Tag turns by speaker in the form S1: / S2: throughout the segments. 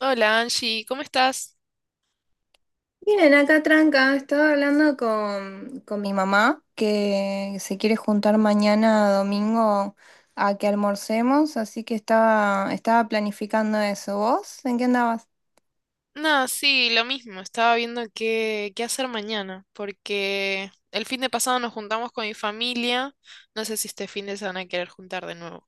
S1: Hola Angie, ¿cómo estás?
S2: Miren, acá tranca, estaba hablando con mi mamá que se quiere juntar mañana domingo a que almorcemos, así que estaba planificando eso. ¿Vos? ¿En qué andabas?
S1: No, sí, lo mismo, estaba viendo qué hacer mañana, porque el fin de pasado nos juntamos con mi familia, no sé si este fin de se van a querer juntar de nuevo.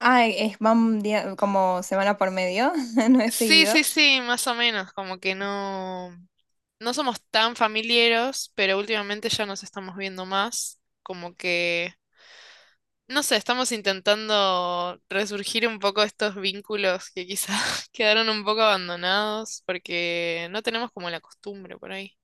S2: Ah, es, como semana por medio, no es
S1: Sí,
S2: seguido.
S1: sí, sí, más o menos, como que no, no somos tan familiares, pero últimamente ya nos estamos viendo más, como que, no sé, estamos intentando resurgir un poco estos vínculos que quizás quedaron un poco abandonados, porque no tenemos como la costumbre por ahí.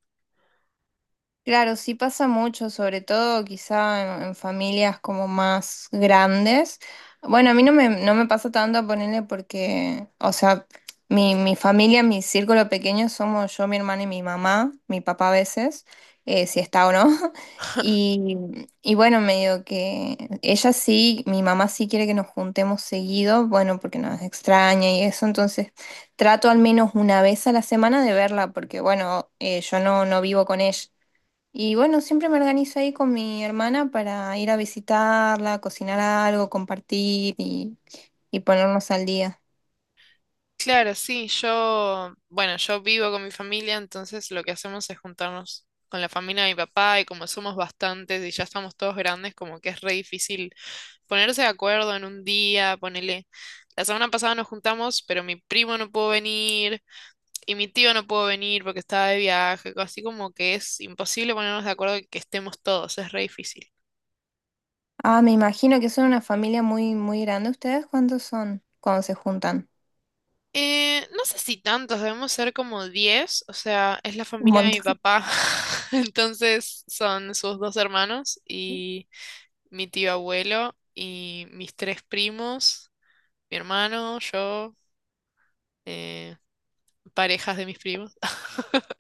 S2: Claro, sí pasa mucho, sobre todo quizá en familias como más grandes. Bueno, a mí no me pasa tanto ponerle porque, o sea, mi familia, mi círculo pequeño somos yo, mi hermana y mi mamá, mi papá a veces, si está o no. Y, y bueno, medio que ella sí, mi mamá sí quiere que nos juntemos seguido, bueno, porque nos extraña y eso, entonces trato al menos una vez a la semana de verla, porque bueno, yo no vivo con ella. Y bueno, siempre me organizo ahí con mi hermana para ir a visitarla, cocinar algo, compartir y ponernos al día.
S1: Claro, sí, yo, bueno, yo vivo con mi familia, entonces lo que hacemos es juntarnos con la familia de mi papá y como somos bastantes y ya estamos todos grandes, como que es re difícil ponerse de acuerdo en un día, ponele. La semana pasada nos juntamos, pero mi primo no pudo venir y mi tío no pudo venir porque estaba de viaje, así como que es imposible ponernos de acuerdo que estemos todos, es re difícil.
S2: Ah, me imagino que son una familia muy, muy grande. ¿Ustedes cuántos son cuando se juntan?
S1: No sé si tantos, debemos ser como 10 o sea, es la
S2: Un
S1: familia de mi
S2: montón.
S1: papá, entonces son sus dos hermanos y mi tío abuelo y mis tres primos, mi hermano, yo, eh, parejas de mis primos.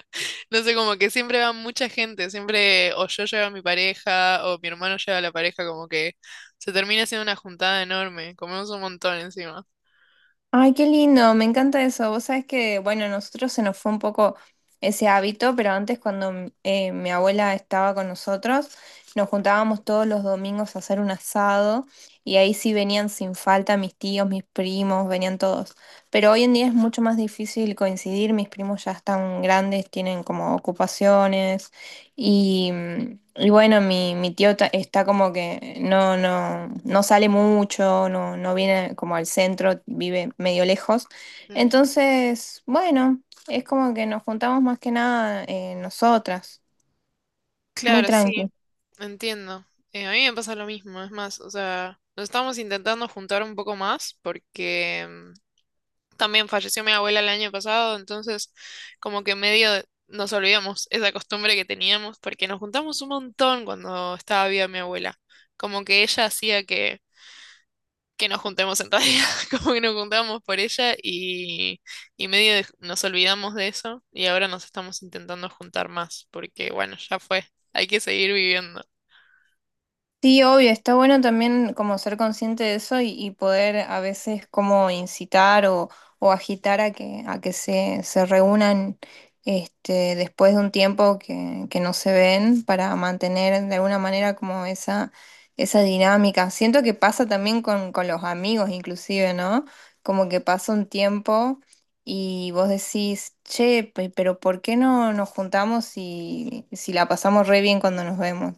S1: No sé, como que siempre va mucha gente, siempre o yo llevo a mi pareja o mi hermano lleva a la pareja, como que se termina siendo una juntada enorme, comemos un montón encima.
S2: Ay, qué lindo, me encanta eso. Vos sabés que, bueno, a nosotros se nos fue un poco ese hábito, pero antes cuando mi abuela estaba con nosotros, nos juntábamos todos los domingos a hacer un asado y ahí sí venían sin falta mis tíos, mis primos, venían todos. Pero hoy en día es mucho más difícil coincidir, mis primos ya están grandes, tienen como ocupaciones y, y bueno, mi tío está como que no, no, no sale mucho, no, no viene como al centro, vive medio lejos.
S1: Mm.
S2: Entonces, bueno, es como que nos juntamos más que nada nosotras, muy
S1: Claro, sí,
S2: tranqui.
S1: entiendo. A mí me pasa lo mismo, es más, o sea, nos estamos intentando juntar un poco más porque también falleció mi abuela el año pasado, entonces como que medio nos olvidamos esa costumbre que teníamos porque nos juntamos un montón cuando estaba viva mi abuela. Como que ella hacía que nos juntemos en realidad, como que nos juntábamos por ella y medio nos olvidamos de eso y ahora nos estamos intentando juntar más porque bueno, ya fue, hay que seguir viviendo.
S2: Sí, obvio, está bueno también como ser consciente de eso y poder a veces como incitar o agitar a a que se reúnan después de un tiempo que no se ven para mantener de alguna manera como esa dinámica. Siento que pasa también con los amigos inclusive, ¿no? Como que pasa un tiempo y vos decís, che, pero ¿por qué no nos juntamos si, si la pasamos re bien cuando nos vemos?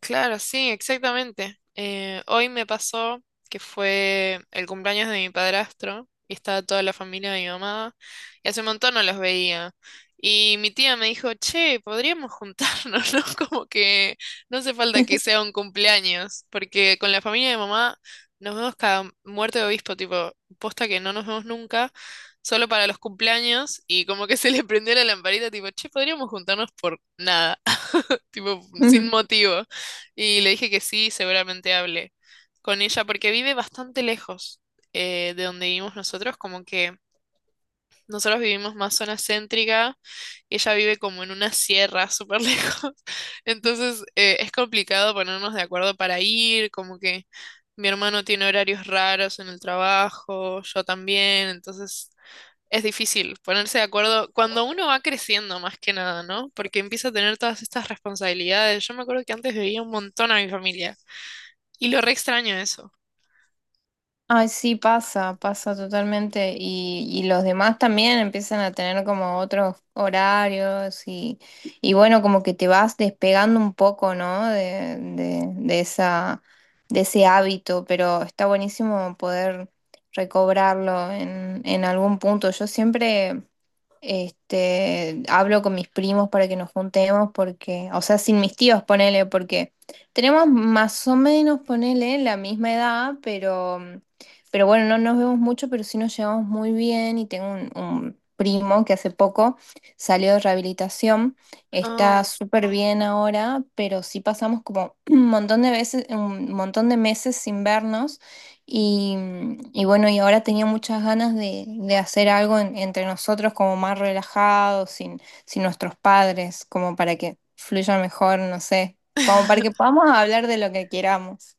S1: Claro, sí, exactamente. Hoy me pasó que fue el cumpleaños de mi padrastro y estaba toda la familia de mi mamá y hace un montón no los veía. Y mi tía me dijo, che, podríamos juntarnos, ¿no? Como que no hace falta que sea un cumpleaños, porque con la familia de mamá nos vemos cada muerte de obispo, tipo, posta que no nos vemos nunca, solo para los cumpleaños y como que se le prendió la lamparita, tipo, che, podríamos juntarnos por nada, tipo, sin motivo. Y le dije que sí, seguramente hablé con ella porque vive bastante lejos de donde vivimos nosotros, como que nosotros vivimos más zona céntrica y ella vive como en una sierra súper lejos. Entonces es complicado ponernos de acuerdo para ir, como que mi hermano tiene horarios raros en el trabajo, yo también, entonces es difícil ponerse de acuerdo cuando uno va creciendo más que nada, ¿no? Porque empieza a tener todas estas responsabilidades. Yo me acuerdo que antes veía un montón a mi familia. Y lo re extraño eso.
S2: Ay, sí, pasa, pasa totalmente. Y los demás también empiezan a tener como otros horarios y bueno, como que te vas despegando un poco, ¿no? De de ese hábito, pero está buenísimo poder recobrarlo en algún punto. Yo siempre... Hablo con mis primos para que nos juntemos porque, o sea, sin mis tíos, ponele, porque tenemos más o menos, ponele, la misma edad, pero, mm, pero bueno, no nos vemos mucho, pero sí nos llevamos muy bien y tengo un primo que hace poco salió de rehabilitación, está
S1: Oh.
S2: súper bien ahora, pero sí pasamos como un montón de veces, un montón de meses sin vernos. Y, y bueno, y ahora tenía muchas ganas de hacer algo entre nosotros como más relajado, sin nuestros padres, como para que fluya mejor, no sé, como para que podamos hablar de lo que queramos.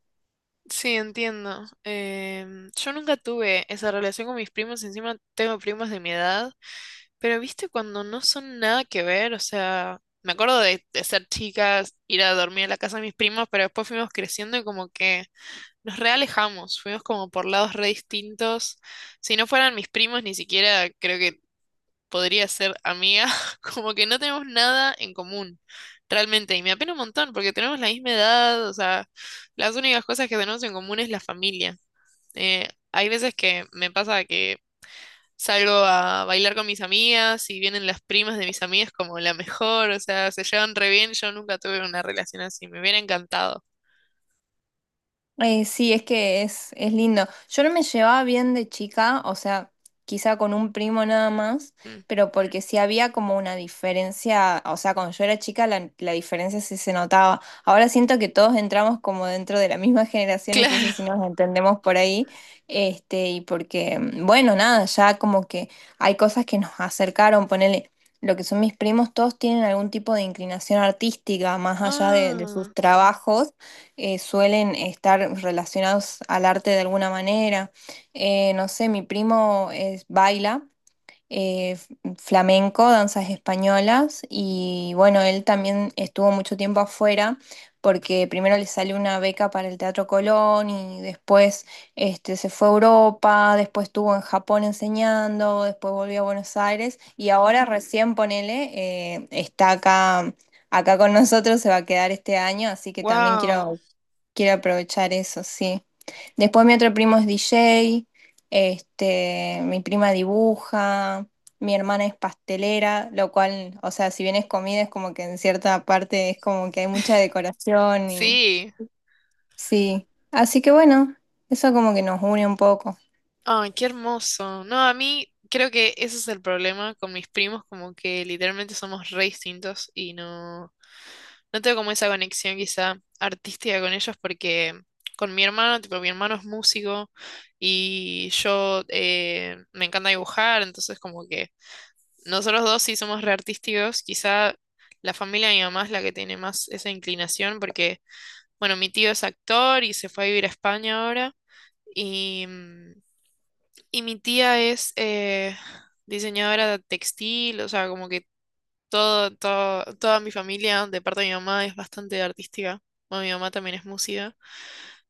S1: Sí, entiendo. Yo nunca tuve esa relación con mis primos, encima tengo primos de mi edad, pero viste cuando no son nada que ver, o sea, me acuerdo de ser chicas, ir a dormir a la casa de mis primos, pero después fuimos creciendo y como que nos realejamos, fuimos como por lados re distintos. Si no fueran mis primos, ni siquiera creo que podría ser amiga, como que no tenemos nada en común, realmente. Y me apena un montón porque tenemos la misma edad, o sea, las únicas cosas que tenemos en común es la familia. Hay veces que me pasa que salgo a bailar con mis amigas y vienen las primas de mis amigas como la mejor, o sea, se llevan re bien. Yo nunca tuve una relación así, me hubiera encantado.
S2: Sí, es que es lindo. Yo no me llevaba bien de chica, o sea, quizá con un primo nada más,
S1: Mm.
S2: pero porque sí había como una diferencia, o sea, cuando yo era chica la diferencia sí se notaba. Ahora siento que todos entramos como dentro de la misma generación, entonces
S1: Claro.
S2: sí nos entendemos por ahí, y porque, mm, bueno, nada, ya como que hay cosas que nos acercaron, ponele. Lo que son mis primos, todos tienen algún tipo de inclinación artística, más allá de sus
S1: Ah,
S2: trabajos suelen estar relacionados al arte de alguna manera. No sé, mi primo es, baila flamenco, danzas españolas, y bueno, él también estuvo mucho tiempo afuera porque primero le salió una beca para el Teatro Colón y después se fue a Europa, después estuvo en Japón enseñando, después volvió a Buenos Aires y ahora recién, ponele, está acá con nosotros, se va a quedar este año, así que también
S1: wow.
S2: quiero aprovechar eso, sí. Después mi otro primo es DJ, mi prima dibuja, mi hermana es pastelera, lo cual, o sea, si bien es comida, es como que en cierta parte es como que hay mucha decoración y
S1: Sí.
S2: sí. Así que bueno, eso como que nos une un poco.
S1: Ay, qué hermoso. No, a mí creo que ese es el problema con mis primos, como que literalmente somos re distintos y no, no tengo como esa conexión quizá artística con ellos porque con mi hermano, tipo, mi hermano es músico y yo me encanta dibujar, entonces como que nosotros dos sí somos re artísticos, quizá la familia de mi mamá es la que tiene más esa inclinación porque, bueno, mi tío es actor y se fue a vivir a España ahora. Y, y mi tía es diseñadora textil, o sea, como que toda mi familia de parte de mi mamá es bastante artística. Bueno, mi mamá también es música.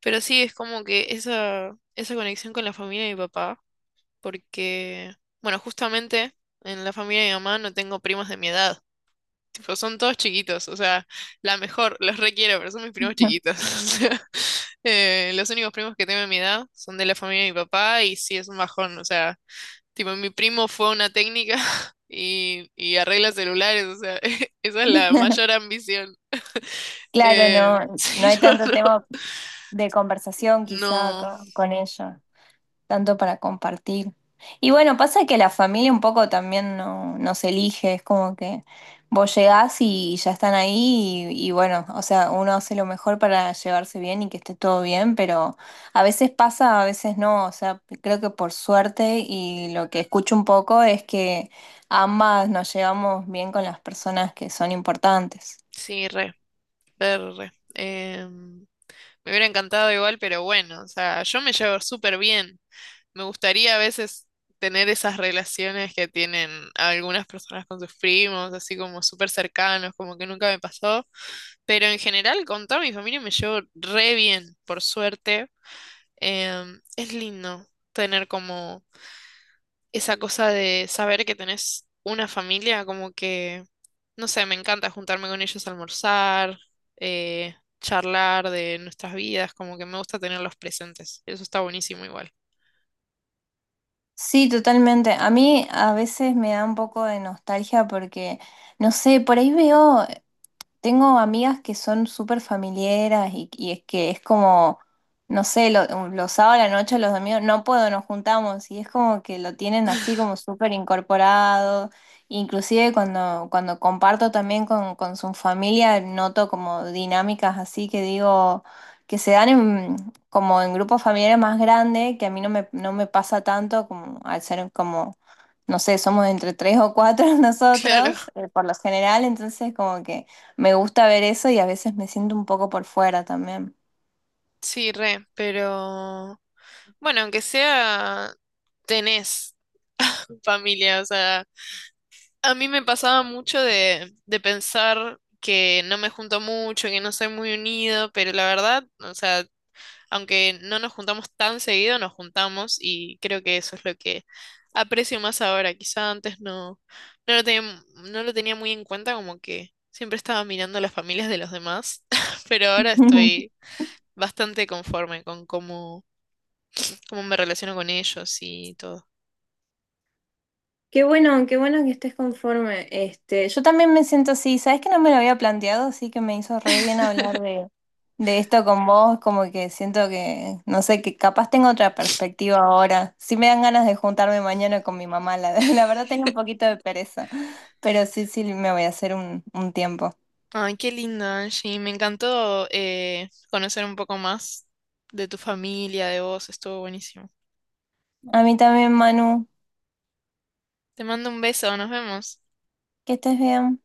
S1: Pero sí, es como que esa conexión con la familia de mi papá, porque, bueno, justamente en la familia de mi mamá no tengo primos de mi edad. Tipo, son todos chiquitos, o sea, la mejor, los requiero, pero son mis primos chiquitos. O sea, los únicos primos que tengo de mi edad son de la familia de mi papá y sí es un bajón, o sea. Tipo, mi primo fue a una técnica y arregla celulares, o sea, esa es la mayor ambición.
S2: Claro, no, no
S1: Sí,
S2: hay
S1: no,
S2: tanto
S1: no,
S2: tema de conversación quizá
S1: no,
S2: con ellos. Tanto para compartir. Y bueno, pasa que la familia un poco también no, nos elige, es como que vos llegás y ya están ahí y bueno, o sea, uno hace lo mejor para llevarse bien y que esté todo bien, pero a veces pasa, a veces no, o sea, creo que por suerte y lo que escucho un poco es que ambas nos llevamos bien con las personas que son importantes.
S1: sí, re, re, re. Me hubiera encantado igual, pero bueno, o sea, yo me llevo súper bien. Me gustaría a veces tener esas relaciones que tienen algunas personas con sus primos, así como súper cercanos, como que nunca me pasó. Pero en general, con toda mi familia me llevo re bien, por suerte. Es lindo tener como esa cosa de saber que tenés una familia, como que, no sé, me encanta juntarme con ellos a almorzar, eh, charlar de nuestras vidas, como que me gusta tenerlos presentes. Eso está buenísimo igual.
S2: Sí, totalmente. A mí a veces me da un poco de nostalgia porque... No sé, por ahí veo tengo amigas que son súper familiares y es que es como, no sé, los sábados a la noche, los domingos, no puedo, nos juntamos y es como que lo tienen así como súper incorporado. Inclusive cuando comparto también con su familia, noto como dinámicas así que digo, que se dan como en grupos familiares más grandes, que a mí no me pasa tanto como al ser como, no sé, somos entre tres o cuatro
S1: Claro,
S2: nosotros, por lo general, entonces como que... Me gusta ver eso y a veces me siento un poco por fuera también.
S1: sí, re, pero bueno, aunque sea, tenés familia, o sea, a mí me pasaba mucho de pensar que no me junto mucho, que no soy muy unido, pero la verdad, o sea, aunque no nos juntamos tan seguido, nos juntamos y creo que eso es lo que aprecio más ahora. Quizá antes no, no lo tenía, no lo tenía muy en cuenta, como que siempre estaba mirando las familias de los demás, pero ahora estoy bastante conforme con cómo me relaciono con ellos y todo.
S2: Qué bueno que estés conforme. Yo también me siento así, sabes que no me lo había planteado, así que me hizo re bien hablar de esto con vos, como que siento que, no sé, que capaz tengo otra perspectiva ahora. Sí me dan ganas de juntarme mañana con mi mamá, la, la verdad tengo un poquito de pereza, pero sí, sí me voy a hacer un tiempo.
S1: Ay, qué lindo, Angie. Me encantó conocer un poco más de tu familia, de vos. Estuvo buenísimo.
S2: A mí también, Manu,
S1: Te mando un beso, nos vemos.
S2: que estés bien.